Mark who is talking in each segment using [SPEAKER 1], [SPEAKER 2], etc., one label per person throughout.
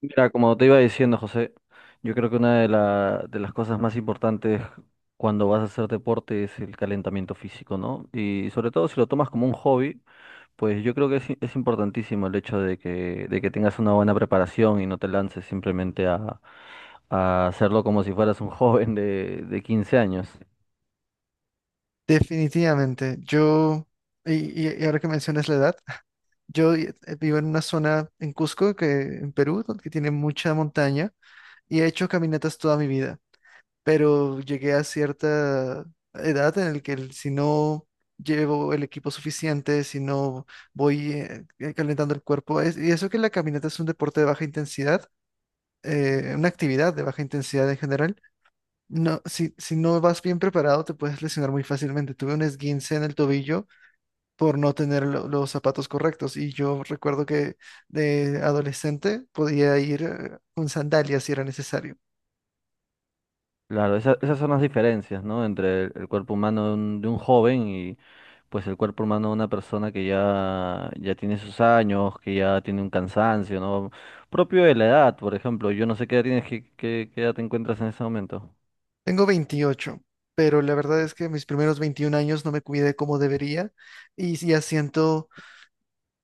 [SPEAKER 1] Mira, como te iba diciendo, José, yo creo que de las cosas más importantes cuando vas a hacer deporte es el calentamiento físico, ¿no? Y sobre todo si lo tomas como un hobby, pues yo creo que es importantísimo el hecho de que tengas una buena preparación y no te lances simplemente a hacerlo como si fueras un joven de 15 años.
[SPEAKER 2] Definitivamente, yo, y, y ahora que mencionas la edad, yo vivo en una zona en Cusco, que, en Perú, donde que tiene mucha montaña, y he hecho caminatas toda mi vida, pero llegué a cierta edad en la que si no llevo el equipo suficiente, si no voy calentando el cuerpo, y eso que la caminata es un deporte de baja intensidad, una actividad de baja intensidad en general. No, si no vas bien preparado, te puedes lesionar muy fácilmente. Tuve un esguince en el tobillo por no tener los zapatos correctos. Y yo recuerdo que de adolescente podía ir con sandalias si era necesario.
[SPEAKER 1] Claro, esas son las diferencias, ¿no? Entre el cuerpo humano de un joven pues el cuerpo humano de una persona que ya, ya tiene sus años, que ya tiene un cansancio, ¿no? Propio de la edad, por ejemplo. Yo no sé qué edad tienes, qué edad te encuentras en ese momento.
[SPEAKER 2] Tengo 28, pero la verdad es que mis primeros 21 años no me cuidé como debería y ya siento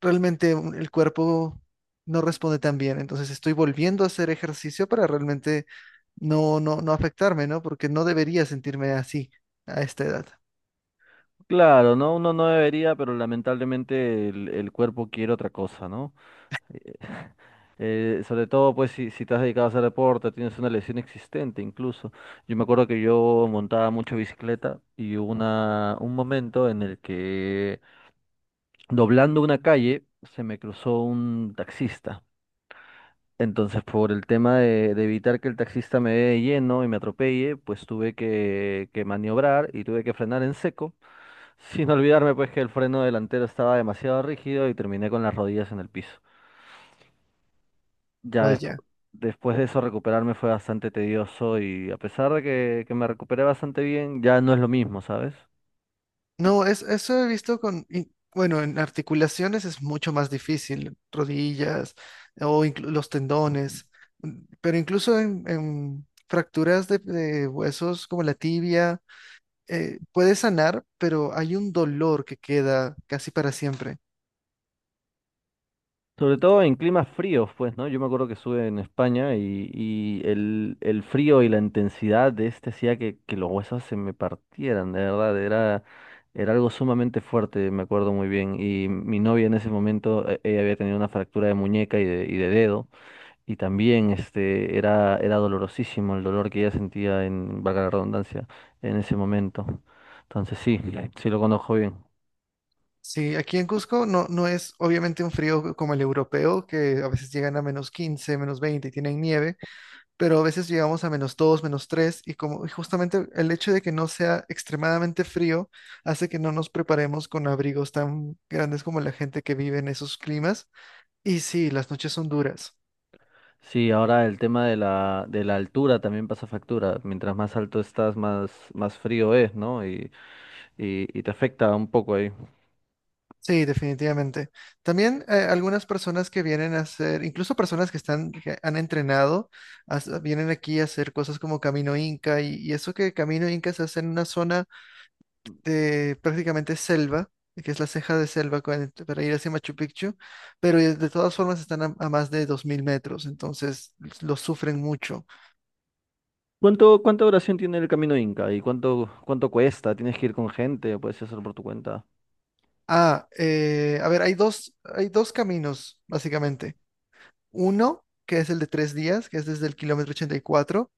[SPEAKER 2] realmente el cuerpo no responde tan bien. Entonces estoy volviendo a hacer ejercicio para realmente no afectarme, ¿no? Porque no debería sentirme así a esta edad.
[SPEAKER 1] Claro, ¿no? Uno no debería, pero lamentablemente el cuerpo quiere otra cosa, ¿no? Eh, sobre todo, pues, si te has dedicado a hacer deporte, tienes una lesión existente incluso. Yo me acuerdo que yo montaba mucho bicicleta y hubo un momento en el que doblando una calle, se me cruzó un taxista. Entonces, por el tema de evitar que el taxista me dé de lleno y me atropelle, pues tuve que maniobrar y tuve que frenar en seco, sin olvidarme pues que el freno delantero estaba demasiado rígido y terminé con las rodillas en el piso. Ya despu-
[SPEAKER 2] Vaya.
[SPEAKER 1] Después de eso recuperarme fue bastante tedioso y a pesar de que me recuperé bastante bien, ya no es lo mismo, ¿sabes?
[SPEAKER 2] No, eso he visto y, bueno, en articulaciones es mucho más difícil, rodillas o los tendones, mm, pero incluso en fracturas de huesos como la tibia, puede sanar, pero hay un dolor que queda casi para siempre.
[SPEAKER 1] Sobre todo en climas fríos, pues, ¿no? Yo me acuerdo que estuve en España y el frío y la intensidad de este hacía que los huesos se me partieran, de verdad, era algo sumamente fuerte, me acuerdo muy bien. Y mi novia en ese momento, ella había tenido una fractura de muñeca y de dedo, y también era dolorosísimo el dolor que ella sentía en, valga la redundancia, en ese momento. Entonces sí, sí lo conozco bien.
[SPEAKER 2] Sí, aquí en Cusco no, no es obviamente un frío como el europeo, que a veces llegan a -15, -20 y tienen nieve, pero a veces llegamos a -2, -3 y como y justamente el hecho de que no sea extremadamente frío hace que no nos preparemos con abrigos tan grandes como la gente que vive en esos climas. Y sí, las noches son duras.
[SPEAKER 1] Sí, ahora el tema de la altura también pasa factura. Mientras más alto estás, más frío es, ¿no? Y te afecta un poco ahí.
[SPEAKER 2] Sí, definitivamente. También algunas personas que vienen a hacer, incluso personas que están, que han entrenado, vienen aquí a hacer cosas como Camino Inca y eso que Camino Inca se hace en una zona de prácticamente selva, que es la ceja de selva para ir hacia Machu Picchu, pero de todas formas están a más de 2.000 metros, entonces lo sufren mucho.
[SPEAKER 1] ¿Cuánto, cuánta duración tiene el camino Inca? ¿Y cuánto cuesta? ¿Tienes que ir con gente? ¿O puedes hacerlo por tu cuenta?
[SPEAKER 2] Ah, a ver, hay dos caminos, básicamente. Uno, que es el de 3 días, que es desde el kilómetro 84.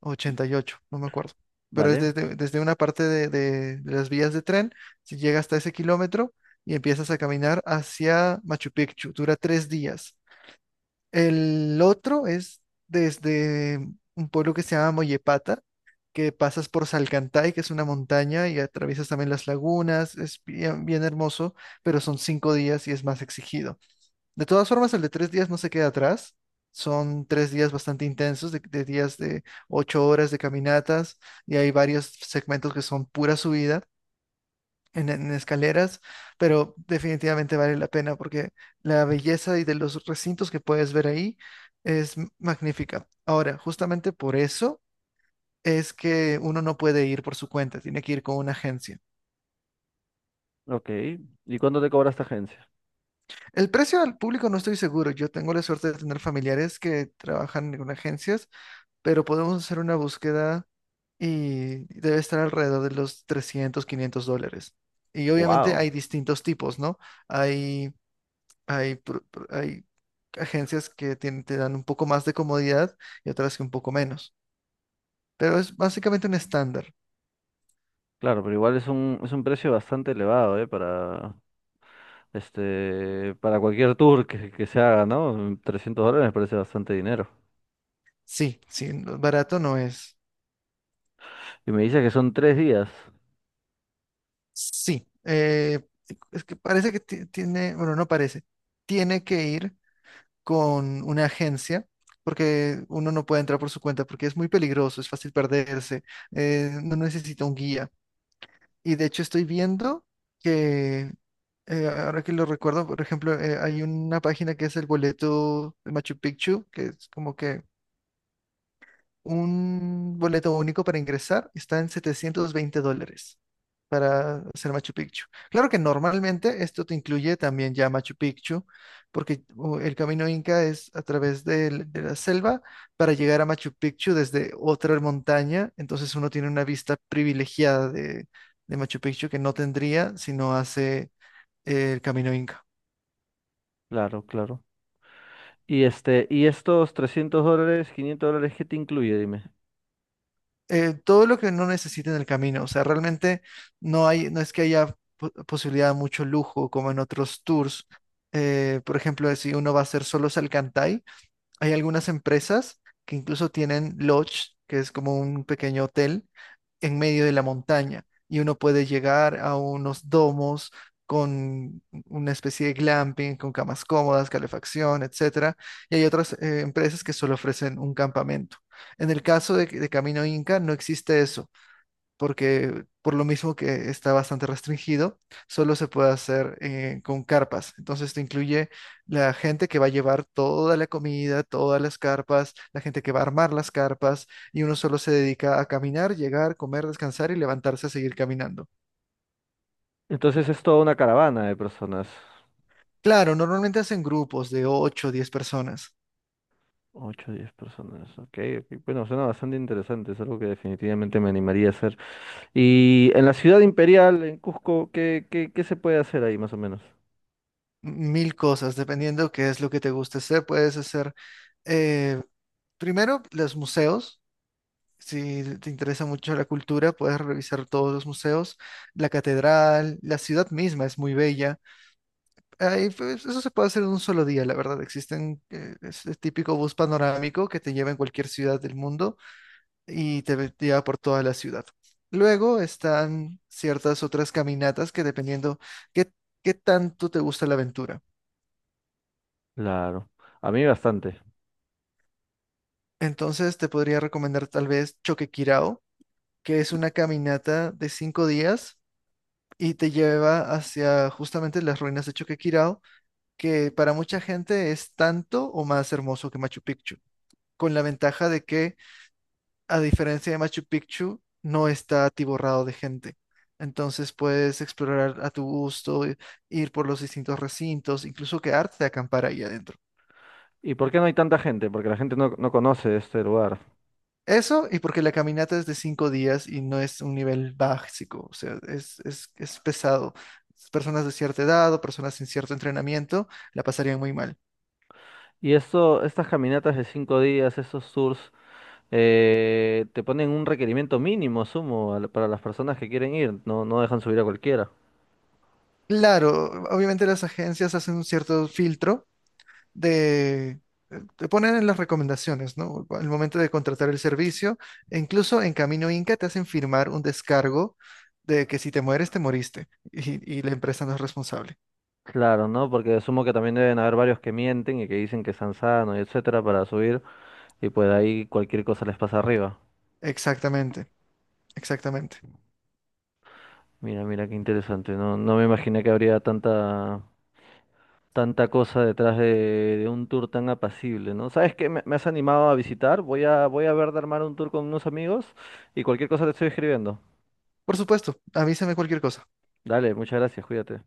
[SPEAKER 2] 88, no me acuerdo. Pero es
[SPEAKER 1] ¿Vale?
[SPEAKER 2] desde una parte de las vías de tren, se llega hasta ese kilómetro y empiezas a caminar hacia Machu Picchu. Dura 3 días. El otro es desde un pueblo que se llama Moyepata, que pasas por Salcantay, que es una montaña, y atraviesas también las lagunas. Es bien, bien hermoso, pero son 5 días y es más exigido. De todas formas, el de tres días no se queda atrás. Son 3 días bastante intensos, de días de 8 horas de caminatas, y hay varios segmentos que son pura subida en escaleras, pero definitivamente vale la pena porque la belleza y de los recintos que puedes ver ahí es magnífica. Ahora, justamente por eso es que uno no puede ir por su cuenta, tiene que ir con una agencia.
[SPEAKER 1] Ok. ¿Y cuánto te cobra esta agencia?
[SPEAKER 2] El precio al público no estoy seguro. Yo tengo la suerte de tener familiares que trabajan en agencias pero podemos hacer una búsqueda y debe estar alrededor de los 300-500 dólares. Y obviamente hay
[SPEAKER 1] Wow.
[SPEAKER 2] distintos tipos, ¿no? Hay, hay agencias que te dan un poco más de comodidad y otras que un poco menos. Pero es básicamente un estándar.
[SPEAKER 1] Claro, pero igual es un precio bastante elevado, ¿eh? Para cualquier tour que se haga, ¿no? 300 dólares me parece bastante dinero.
[SPEAKER 2] Sí, sí, barato no es.
[SPEAKER 1] Y me dice que son 3 días.
[SPEAKER 2] Sí, es que parece que tiene, bueno, no parece. Tiene que ir con una agencia, porque uno no puede entrar por su cuenta, porque es muy peligroso, es fácil perderse, no necesita un guía. Y de hecho estoy viendo que, ahora que lo recuerdo, por ejemplo, hay una página que es el boleto de Machu Picchu, que es como que un boleto único para ingresar está en 720 dólares para hacer Machu Picchu. Claro que normalmente esto te incluye también ya Machu Picchu, porque el camino Inca es a través de, la selva para llegar a Machu Picchu desde otra montaña, entonces uno tiene una vista privilegiada de Machu Picchu que no tendría si no hace el camino Inca.
[SPEAKER 1] Claro, claro. Y y estos 300 dólares, 500 dólares, ¿qué te incluye? Dime.
[SPEAKER 2] Todo lo que no necesite en el camino. O sea, realmente no hay, no es que haya posibilidad de mucho lujo como en otros tours. Por ejemplo, si uno va a hacer solo Salcantay, hay algunas empresas que incluso tienen lodge, que es como un pequeño hotel en medio de la montaña y uno puede llegar a unos domos con una especie de glamping, con camas cómodas, calefacción, etcétera. Y hay otras empresas que solo ofrecen un campamento. En el caso de Camino Inca no existe eso porque por lo mismo que está bastante restringido, solo se puede hacer con carpas. Entonces te incluye la gente que va a llevar toda la comida, todas las carpas, la gente que va a armar las carpas, y uno solo se dedica a caminar, llegar, comer, descansar y levantarse a seguir caminando.
[SPEAKER 1] Entonces es toda una caravana de personas.
[SPEAKER 2] Claro, normalmente hacen grupos de 8, o 10 personas,
[SPEAKER 1] 8, 10 personas. Ok, ok. Bueno, suena bastante interesante. Es algo que definitivamente me animaría a hacer. Y en la ciudad imperial, en Cusco, ¿qué se puede hacer ahí más o menos?
[SPEAKER 2] mil cosas, dependiendo qué es lo que te guste hacer. Puedes hacer eh, primero los museos. Si te interesa mucho la cultura, puedes revisar todos los museos, la catedral, la ciudad misma es muy bella. Ahí, pues, eso se puede hacer en un solo día, la verdad. Existen ese típico bus panorámico que te lleva en cualquier ciudad del mundo y te, te lleva por toda la ciudad. Luego están ciertas otras caminatas que dependiendo qué, qué tanto te gusta la aventura.
[SPEAKER 1] Claro. A mí bastante.
[SPEAKER 2] Entonces te podría recomendar tal vez Choquequirao, que es una caminata de 5 días y te lleva hacia justamente las ruinas de Choquequirao, que para mucha gente es tanto o más hermoso que Machu Picchu, con la ventaja de que, a diferencia de Machu Picchu, no está atiborrado de gente. Entonces puedes explorar a tu gusto, ir por los distintos recintos, incluso quedarte a acampar ahí adentro.
[SPEAKER 1] ¿Y por qué no hay tanta gente? Porque la gente no, no conoce este lugar.
[SPEAKER 2] Eso, y porque la caminata es de 5 días y no es un nivel básico, o sea, es pesado. Personas de cierta edad o personas sin cierto entrenamiento la pasarían muy mal.
[SPEAKER 1] Y estas caminatas de 5 días, estos tours, te ponen un requerimiento mínimo, sumo, para las personas que quieren ir. No, no dejan subir a cualquiera.
[SPEAKER 2] Claro, obviamente las agencias hacen un cierto filtro de, te ponen en las recomendaciones, ¿no? Al momento de contratar el servicio, e incluso en Camino Inca te hacen firmar un descargo de que si te mueres, te moriste y la empresa no es responsable.
[SPEAKER 1] Claro, ¿no? Porque sumo que también deben haber varios que mienten y que dicen que están sanos y etcétera para subir y pues ahí cualquier cosa les pasa arriba.
[SPEAKER 2] Exactamente, exactamente.
[SPEAKER 1] Mira, mira qué interesante. No, no me imaginé que habría tanta, tanta cosa detrás de un tour tan apacible, ¿no? ¿Sabes qué? Me has animado a visitar. Voy a ver de armar un tour con unos amigos y cualquier cosa te estoy escribiendo.
[SPEAKER 2] Por supuesto, avísame cualquier cosa.
[SPEAKER 1] Dale, muchas gracias, cuídate.